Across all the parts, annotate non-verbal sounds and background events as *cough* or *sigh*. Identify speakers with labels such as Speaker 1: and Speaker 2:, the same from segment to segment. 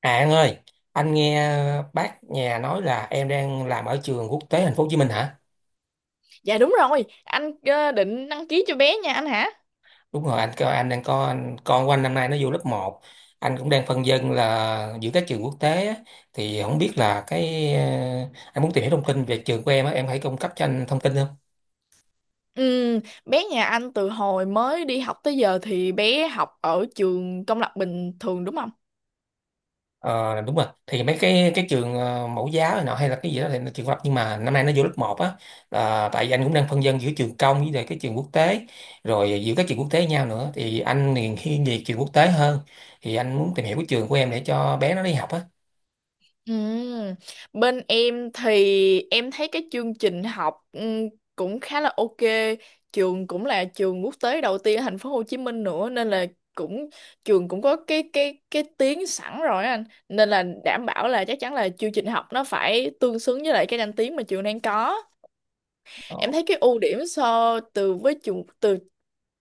Speaker 1: À anh ơi, anh nghe bác nhà nói là em đang làm ở trường quốc tế thành phố Hồ Chí Minh hả?
Speaker 2: Dạ đúng rồi, anh định đăng ký cho bé nhà anh hả?
Speaker 1: Đúng rồi, anh kêu anh đang có anh, con của anh năm nay nó vô lớp một. Anh cũng đang phân vân là giữa các trường quốc tế á, thì không biết là anh muốn tìm hiểu thông tin về trường của em á, em hãy cung cấp cho anh thông tin không?
Speaker 2: Ừ, bé nhà anh từ hồi mới đi học tới giờ thì bé học ở trường công lập bình thường đúng không?
Speaker 1: Ờ, đúng rồi thì mấy cái trường mẫu giáo này nọ hay là cái gì đó thì nó trường học, nhưng mà năm nay nó vô lớp một á, là tại vì anh cũng đang phân vân giữa trường công với lại cái trường quốc tế, rồi giữa các trường quốc tế với nhau nữa, thì anh thì thiên về trường quốc tế hơn, thì anh muốn tìm hiểu cái trường của em để cho bé nó đi học á.
Speaker 2: Ừ, bên em thì em thấy cái chương trình học cũng khá là ok. Trường cũng là trường quốc tế đầu tiên ở thành phố Hồ Chí Minh nữa nên là cũng trường cũng có cái tiếng sẵn rồi á anh, nên là đảm bảo là chắc chắn là chương trình học nó phải tương xứng với lại cái danh tiếng mà trường đang có.
Speaker 1: Ờ.
Speaker 2: Em thấy cái ưu điểm so từ với trường từ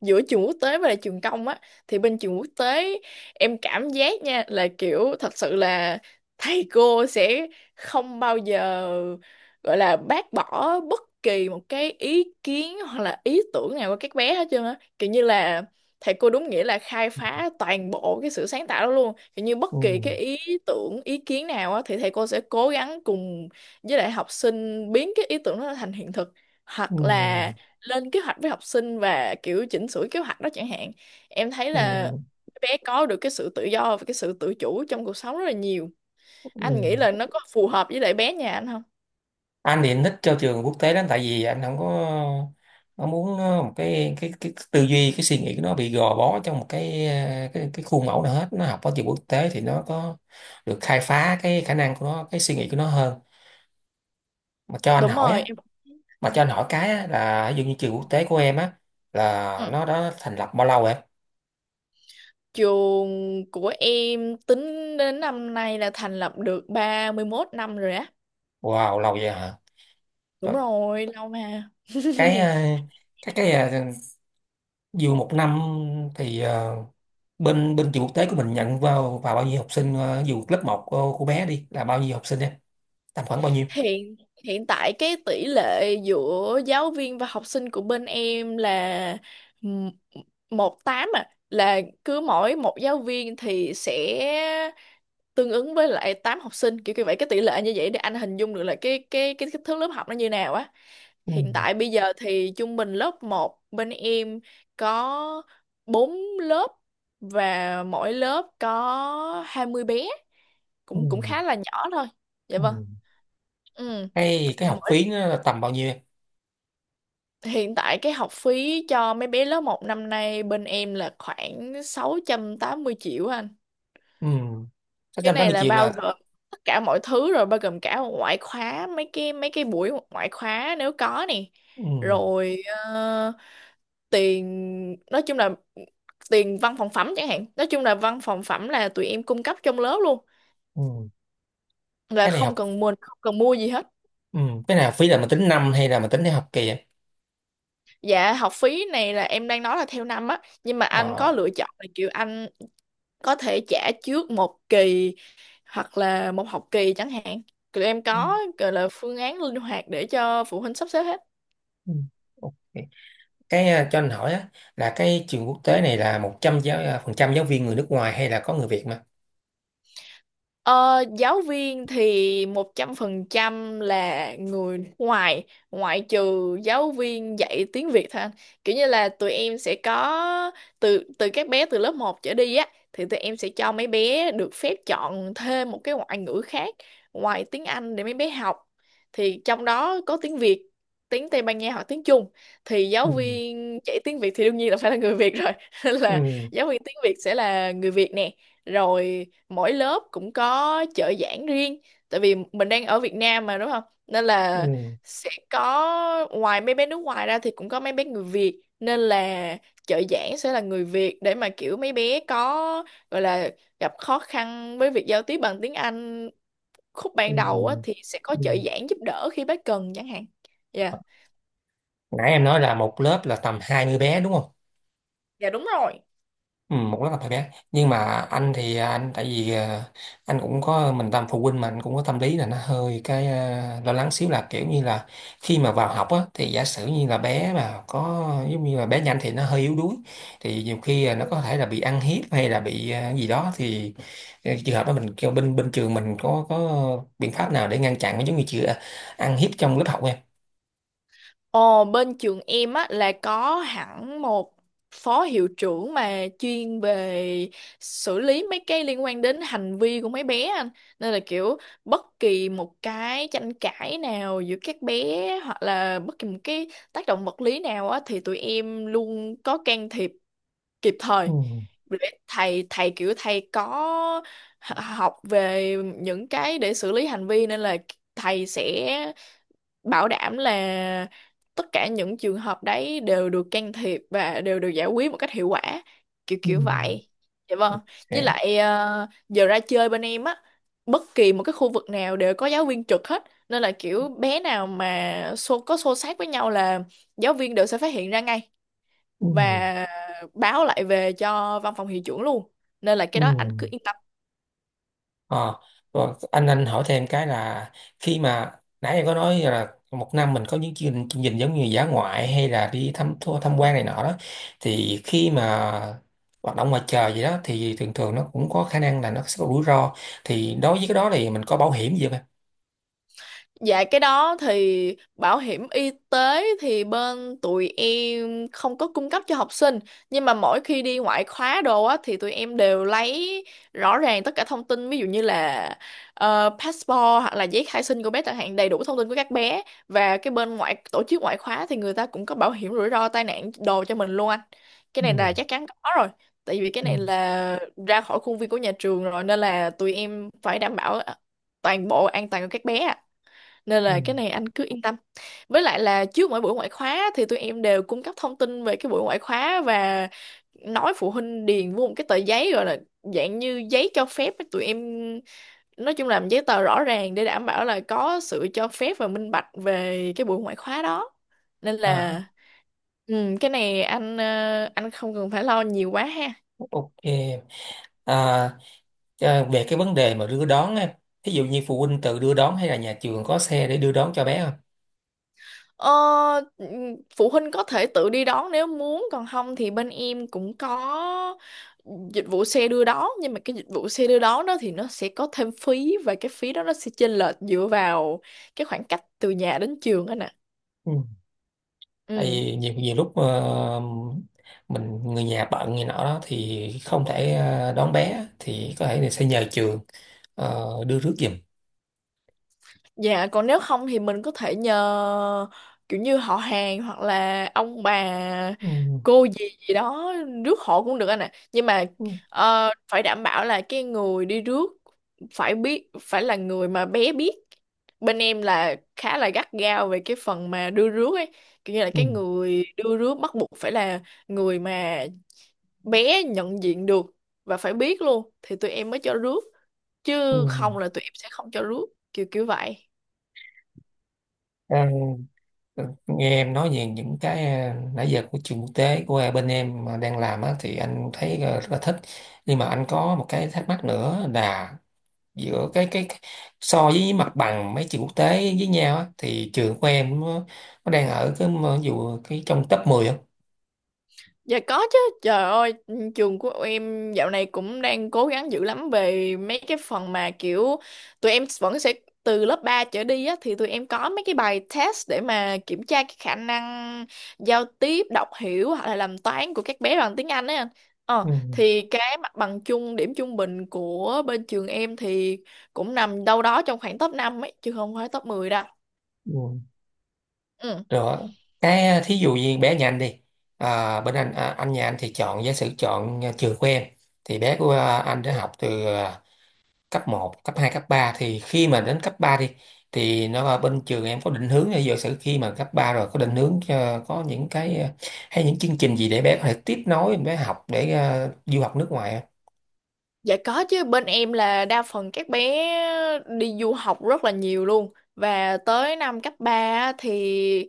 Speaker 2: giữa trường quốc tế và là trường công á, thì bên trường quốc tế em cảm giác nha, là kiểu thật sự là thầy cô sẽ không bao giờ gọi là bác bỏ bất kỳ một cái ý kiến hoặc là ý tưởng nào của các bé hết trơn á, kiểu như là thầy cô đúng nghĩa là khai phá toàn bộ cái sự sáng tạo đó luôn, kiểu như bất kỳ
Speaker 1: Ừ.
Speaker 2: cái ý tưởng ý kiến nào á thì thầy cô sẽ cố gắng cùng với lại học sinh biến cái ý tưởng đó thành hiện thực,
Speaker 1: Ừ.
Speaker 2: hoặc là lên kế hoạch với học sinh và kiểu chỉnh sửa kế hoạch đó chẳng hạn. Em thấy
Speaker 1: Ừ.
Speaker 2: là bé có được cái sự tự do và cái sự tự chủ trong cuộc sống rất là nhiều. Anh
Speaker 1: Ừ.
Speaker 2: nghĩ là nó có phù hợp với lại bé nhà anh không?
Speaker 1: Anh thì anh thích cho trường quốc tế lắm, tại vì anh không có không muốn một cái tư duy cái suy nghĩ của nó bị gò bó trong một cái ờ, cái khuôn mẫu nào hết, nó học ở trường quốc tế thì nó có được khai phá cái khả năng của nó, cái suy nghĩ của nó hơn. Mà cho anh
Speaker 2: Đúng
Speaker 1: hỏi
Speaker 2: rồi
Speaker 1: á,
Speaker 2: em.
Speaker 1: mà cho anh hỏi cái á, là ví dụ như trường quốc tế của em á, là
Speaker 2: Ừ.
Speaker 1: nó đã thành lập bao lâu em?
Speaker 2: Trường của em tính đến năm nay là thành lập được 31 năm rồi á.
Speaker 1: Wow, lâu vậy hả?
Speaker 2: Đúng
Speaker 1: Rồi
Speaker 2: rồi, lâu mà *laughs*
Speaker 1: cái ờ, cái ờ, dù một năm thì bên bên trường quốc tế của mình nhận vào vào bao nhiêu học sinh, dù lớp một của bé đi là bao nhiêu học sinh em? Tầm khoảng bao nhiêu?
Speaker 2: hiện hiện tại cái tỷ lệ giữa giáo viên và học sinh của bên em là m- một tám à, là cứ mỗi một giáo viên thì sẽ tương ứng với lại 8 học sinh, kiểu như vậy. Cái tỷ lệ như vậy để anh hình dung được là cái kích thước lớp học nó như nào á.
Speaker 1: Ừ.
Speaker 2: Hiện tại bây giờ thì trung bình lớp một bên em có 4 lớp và mỗi lớp có 20 bé, cũng cũng
Speaker 1: Ừ.
Speaker 2: khá là nhỏ thôi. Dạ
Speaker 1: Ừ.
Speaker 2: vâng. Ừ.
Speaker 1: Cái học
Speaker 2: mỗi
Speaker 1: phí nó là tầm bao nhiêu em?
Speaker 2: Hiện tại cái học phí cho mấy bé lớp một năm nay bên em là khoảng 680 triệu anh.
Speaker 1: Ừ. Sáu
Speaker 2: Cái
Speaker 1: trăm tám
Speaker 2: này
Speaker 1: mươi
Speaker 2: là
Speaker 1: triệu
Speaker 2: bao
Speaker 1: là?
Speaker 2: gồm tất cả mọi thứ rồi, bao gồm cả ngoại khóa, mấy cái buổi ngoại khóa nếu có nè.
Speaker 1: Ừ.
Speaker 2: Rồi tiền nói chung là tiền văn phòng phẩm chẳng hạn. Nói chung là văn phòng phẩm là tụi em cung cấp trong lớp luôn,
Speaker 1: Ừ.
Speaker 2: là
Speaker 1: Cái này học.
Speaker 2: không cần mua gì hết.
Speaker 1: Ừ. Cái này học phí là mình tính năm hay là mình tính theo học kỳ em?
Speaker 2: Dạ học phí này là em đang nói là theo năm á, nhưng mà anh có
Speaker 1: Ờ.
Speaker 2: lựa chọn là kiểu anh có thể trả trước một kỳ hoặc là một học kỳ chẳng hạn. Tụi em
Speaker 1: Ừ.
Speaker 2: có gọi là phương án linh hoạt để cho phụ huynh sắp xếp hết.
Speaker 1: Ừ. Ok. Cho anh hỏi á, là cái trường quốc tế này là 100 giáo phần trăm giáo viên người nước ngoài hay là có người Việt mà?
Speaker 2: Ờ, Giáo viên thì 100% là người nước ngoài, ngoại trừ giáo viên dạy tiếng Việt thôi anh. Kiểu như là tụi em sẽ có từ từ các bé từ lớp một trở đi á, thì tụi em sẽ cho mấy bé được phép chọn thêm một cái ngoại ngữ khác ngoài tiếng Anh để mấy bé học. Thì trong đó có tiếng Việt, tiếng Tây Ban Nha hoặc tiếng Trung. Thì giáo
Speaker 1: Ừ.
Speaker 2: viên dạy tiếng Việt thì đương nhiên là phải là người Việt rồi. *laughs* Nên là
Speaker 1: Ừ.
Speaker 2: giáo viên tiếng Việt sẽ là người Việt nè, rồi mỗi lớp cũng có trợ giảng riêng, tại vì mình đang ở Việt Nam mà đúng không, nên là
Speaker 1: Ừ.
Speaker 2: sẽ có ngoài mấy bé nước ngoài ra thì cũng có mấy bé người Việt, nên là trợ giảng sẽ là người Việt để mà kiểu mấy bé có gọi là gặp khó khăn với việc giao tiếp bằng tiếng Anh khúc
Speaker 1: Ừ.
Speaker 2: ban đầu á, thì sẽ có trợ
Speaker 1: Ừ.
Speaker 2: giảng giúp đỡ khi bác cần chẳng hạn. Dạ.
Speaker 1: Nãy em nói là một lớp là tầm 20 bé đúng không?
Speaker 2: Dạ đúng rồi.
Speaker 1: Ừ, một lớp là 20 bé nhưng mà anh thì anh tại vì anh cũng có mình làm phụ huynh mà anh cũng có tâm lý là nó hơi lo lắng xíu, là kiểu như là khi mà vào học á thì giả sử như là bé mà có giống như là bé nhanh thì nó hơi yếu đuối, thì nhiều khi là nó có thể là bị ăn hiếp hay là bị gì đó thì trường hợp đó mình kêu bên bên trường mình có biện pháp nào để ngăn chặn giống như chưa, ăn hiếp trong lớp học em?
Speaker 2: Ồ, bên trường em á là có hẳn một phó hiệu trưởng mà chuyên về xử lý mấy cái liên quan đến hành vi của mấy bé anh. Nên là kiểu bất kỳ một cái tranh cãi nào giữa các bé hoặc là bất kỳ một cái tác động vật lý nào á thì tụi em luôn có can thiệp kịp thời.
Speaker 1: Ừ.
Speaker 2: Để thầy thầy kiểu thầy có học về những cái để xử lý hành vi nên là thầy sẽ bảo đảm là tất cả những trường hợp đấy đều được can thiệp và đều được giải quyết một cách hiệu quả, kiểu
Speaker 1: Ừ.
Speaker 2: kiểu vậy. Dạ vâng. Với
Speaker 1: Để-
Speaker 2: lại giờ ra chơi bên em á, bất kỳ một cái khu vực nào đều có giáo viên trực hết nên là kiểu bé nào mà có xô xát với nhau là giáo viên đều sẽ phát hiện ra ngay
Speaker 1: Ừ.
Speaker 2: và báo lại về cho văn phòng hiệu trưởng luôn, nên là cái
Speaker 1: Ừ.
Speaker 2: đó anh cứ yên tâm.
Speaker 1: Ờ, và anh hỏi thêm cái là khi mà nãy em có nói là một năm mình có những chương trình giống như dã ngoại hay là đi thăm thua tham quan này nọ đó, thì khi mà hoạt động ngoài trời gì đó thì thường thường nó cũng có khả năng là nó sẽ có rủi ro, thì đối với cái đó thì mình có bảo hiểm gì không em?
Speaker 2: Dạ cái đó thì bảo hiểm y tế thì bên tụi em không có cung cấp cho học sinh, nhưng mà mỗi khi đi ngoại khóa đồ á thì tụi em đều lấy rõ ràng tất cả thông tin, ví dụ như là passport hoặc là giấy khai sinh của bé chẳng hạn, đầy đủ thông tin của các bé. Và cái bên ngoại tổ chức ngoại khóa thì người ta cũng có bảo hiểm rủi ro tai nạn đồ cho mình luôn anh, cái này
Speaker 1: Ừ.
Speaker 2: là chắc chắn có rồi. Tại vì cái
Speaker 1: Ừ.
Speaker 2: này là ra khỏi khuôn viên của nhà trường rồi nên là tụi em phải đảm bảo toàn bộ an toàn của các bé ạ, nên
Speaker 1: Ừ.
Speaker 2: là cái này anh cứ yên tâm. Với lại là trước mỗi buổi ngoại khóa thì tụi em đều cung cấp thông tin về cái buổi ngoại khóa và nói phụ huynh điền vô một cái tờ giấy gọi là dạng như giấy cho phép á, tụi em nói chung làm giấy tờ rõ ràng để đảm bảo là có sự cho phép và minh bạch về cái buổi ngoại khóa đó. Nên
Speaker 1: À,
Speaker 2: là ừ, cái này anh anh không cần phải lo nhiều quá ha.
Speaker 1: ok. À, à, về cái vấn đề mà đưa đón em, ví dụ như phụ huynh tự đưa đón hay là nhà trường có xe để đưa đón cho bé không?
Speaker 2: Ờ, ừm, Phụ huynh có thể tự đi đón nếu muốn, còn không thì bên em cũng có dịch vụ xe đưa đón, nhưng mà cái dịch vụ xe đưa đón đó thì nó sẽ có thêm phí và cái phí đó nó sẽ chênh lệch dựa vào cái khoảng cách từ nhà đến trường đó nè.
Speaker 1: Ừ. Tại
Speaker 2: Ừ.
Speaker 1: vì nhiều, nhiều lúc mình người nhà bận gì nọ đó thì không thể đón bé, thì có thể là sẽ nhờ trường đưa rước giùm.
Speaker 2: Dạ còn nếu không thì mình có thể nhờ kiểu như họ hàng hoặc là ông bà
Speaker 1: Ừ.
Speaker 2: cô gì gì đó rước hộ cũng được anh ạ. Nhưng mà
Speaker 1: Ừ.
Speaker 2: phải đảm bảo là cái người đi rước phải là người mà bé biết. Bên em là khá là gắt gao về cái phần mà đưa rước ấy, kiểu như là
Speaker 1: Ừ.
Speaker 2: cái người đưa rước bắt buộc phải là người mà bé nhận diện được và phải biết luôn thì tụi em mới cho rước,
Speaker 1: Ừ.
Speaker 2: chứ không là tụi em sẽ không cho rước, kiểu kiểu vậy.
Speaker 1: À, nghe em nói về những nãy giờ của trường quốc tế bên em mà đang làm á, thì anh thấy rất là thích, nhưng mà anh có một cái thắc mắc nữa là giữa so với mặt bằng mấy trường quốc tế với nhau á, thì trường của em nó đang ở cái mà, ví dụ cái trong top mười, không?
Speaker 2: Dạ có chứ, trời ơi, trường của em dạo này cũng đang cố gắng dữ lắm về mấy cái phần mà kiểu tụi em vẫn sẽ từ lớp 3 trở đi á, thì tụi em có mấy cái bài test để mà kiểm tra cái khả năng giao tiếp, đọc hiểu hoặc là làm toán của các bé bằng tiếng Anh ấy anh. Ờ,
Speaker 1: Ừ,
Speaker 2: thì cái mặt bằng chung, điểm trung bình của bên trường em thì cũng nằm đâu đó trong khoảng top 5 ấy, chứ không phải top 10 đâu.
Speaker 1: ừ.
Speaker 2: Ừ.
Speaker 1: Rồi thí dụ như bé nhà anh đi bên anh anh nhà anh thì chọn, giả sử chọn trường của em, thì bé anh đã học từ cấp một cấp 2 cấp ba, thì khi mà đến cấp 3 đi thì nó là bên trường em có định hướng là giả sử khi mà cấp 3 rồi có định hướng cho- có những hay những chương trình gì để bé có thể tiếp nối bé học để du học nước ngoài không?
Speaker 2: Dạ có chứ, bên em là đa phần các bé đi du học rất là nhiều luôn, và tới năm cấp 3 thì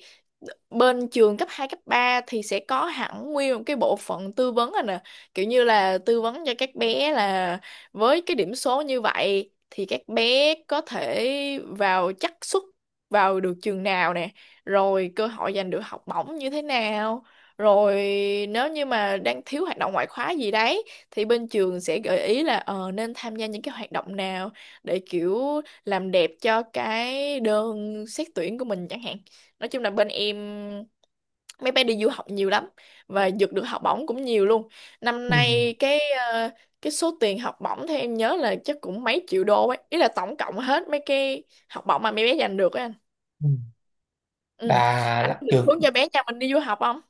Speaker 2: bên trường cấp 2 cấp 3 thì sẽ có hẳn nguyên một cái bộ phận tư vấn rồi nè. Kiểu như là tư vấn cho các bé là với cái điểm số như vậy thì các bé có thể vào xác suất vào được trường nào nè, rồi cơ hội giành được học bổng như thế nào. Rồi nếu như mà đang thiếu hoạt động ngoại khóa gì đấy thì bên trường sẽ gợi ý là nên tham gia những cái hoạt động nào để kiểu làm đẹp cho cái đơn xét tuyển của mình chẳng hạn. Nói chung là bên em mấy bé đi du học nhiều lắm và giật được học bổng cũng nhiều luôn. Năm
Speaker 1: Ừ.
Speaker 2: nay cái số tiền học bổng theo em nhớ là chắc cũng mấy triệu đô ấy, ý là tổng cộng hết mấy cái học bổng mà mấy bé giành được ấy anh.
Speaker 1: Ừ.
Speaker 2: Ừ.
Speaker 1: là,
Speaker 2: Anh
Speaker 1: là
Speaker 2: có định
Speaker 1: trường.
Speaker 2: hướng cho bé nhà mình đi du học không?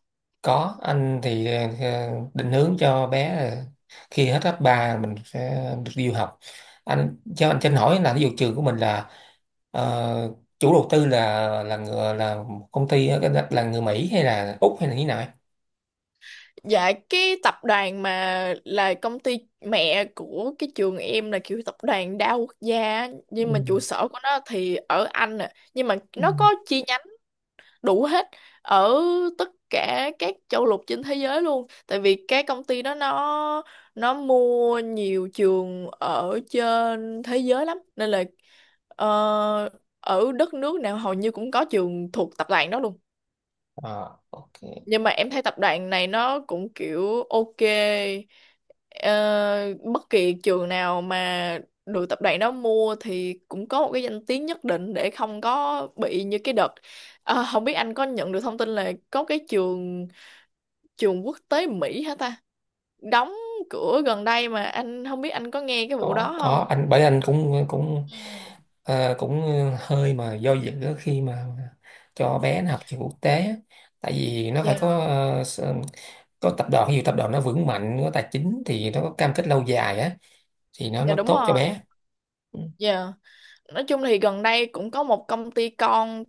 Speaker 1: Có, anh thì định hướng cho bé là khi hết cấp 3 mình sẽ được đi du học. Anh cho anh cho anh hỏi là ví dụ trường của mình là ờ, chủ đầu tư là người là một công ty ở cái đất là người Mỹ hay là Úc hay là như thế nào ấy?
Speaker 2: Dạ cái tập đoàn mà là công ty mẹ của cái trường em là kiểu tập đoàn đa quốc gia á,
Speaker 1: Ừ.
Speaker 2: nhưng mà trụ sở của nó thì ở Anh à. Nhưng mà
Speaker 1: Ừ.
Speaker 2: nó có chi đủ hết ở tất cả các châu lục trên thế giới luôn, tại vì cái công ty đó nó mua nhiều trường ở trên thế giới lắm nên là ờ, ở đất nước nào hầu như cũng có trường thuộc tập đoàn đó luôn.
Speaker 1: Ờ, ok.
Speaker 2: Nhưng mà em thấy tập đoàn này nó cũng kiểu ok. Ờ, bất kỳ trường nào mà được tập đoàn đó mua thì cũng có một cái danh tiếng nhất định để không có bị như cái đợt. Ờ, không biết anh có nhận được thông tin là có cái trường trường quốc tế Mỹ hả ta đóng cửa gần đây mà, anh không biết anh có nghe cái vụ
Speaker 1: có
Speaker 2: đó
Speaker 1: có
Speaker 2: không?
Speaker 1: anh, bởi anh cũng cũng
Speaker 2: Ừ.
Speaker 1: cũng hơi mà do dự khi mà cho bé nó học trường quốc tế á. Tại vì nó phải
Speaker 2: Dạ.
Speaker 1: có tập đoàn, nhiều tập đoàn nó vững mạnh có tài chính thì nó có cam kết lâu dài á, thì
Speaker 2: Dạ
Speaker 1: nó
Speaker 2: đúng
Speaker 1: tốt cho
Speaker 2: rồi.
Speaker 1: bé. Ừ.
Speaker 2: Dạ. Nói chung thì gần đây cũng có một công ty con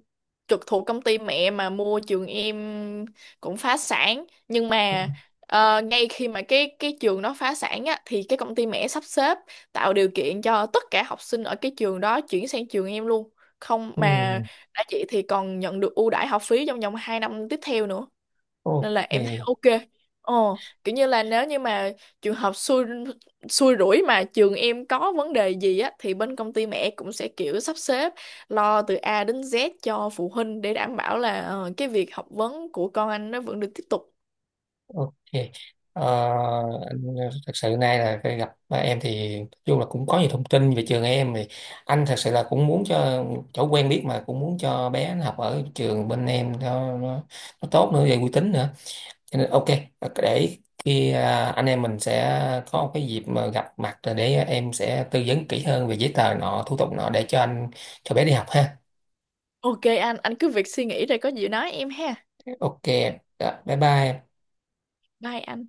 Speaker 2: trực thuộc công ty mẹ mà mua trường em cũng phá sản, nhưng
Speaker 1: Ừ.
Speaker 2: mà ngay khi mà cái trường đó phá sản á thì cái công ty mẹ sắp xếp tạo điều kiện cho tất cả học sinh ở cái trường đó chuyển sang trường em luôn, không
Speaker 1: Ừ.
Speaker 2: mà đã chị thì còn nhận được ưu đãi học phí trong vòng 2 năm tiếp theo nữa, nên là
Speaker 1: Ok.
Speaker 2: em thấy ok. Ồ, kiểu như là nếu như mà trường hợp xui xui rủi mà trường em có vấn đề gì á thì bên công ty mẹ cũng sẽ kiểu sắp xếp lo từ A đến Z cho phụ huynh để đảm bảo là cái việc học vấn của con anh nó vẫn được tiếp tục.
Speaker 1: Ok. Ờ, anh thật sự nay là cái gặp ba em thì nói chung là cũng có nhiều thông tin về trường em, thì anh thật sự là cũng muốn cho chỗ quen biết mà cũng muốn cho bé nó học ở trường bên em, nó tốt nữa về uy tín nữa. Cho nên ok, để khi anh em mình sẽ có một cái dịp mà gặp mặt rồi để em sẽ tư vấn kỹ hơn về giấy tờ nọ thủ tục nọ để cho anh cho bé đi học ha.
Speaker 2: Ok anh cứ việc suy nghĩ rồi có gì nói em ha.
Speaker 1: Ok. Dạ, bye bye.
Speaker 2: Bye anh.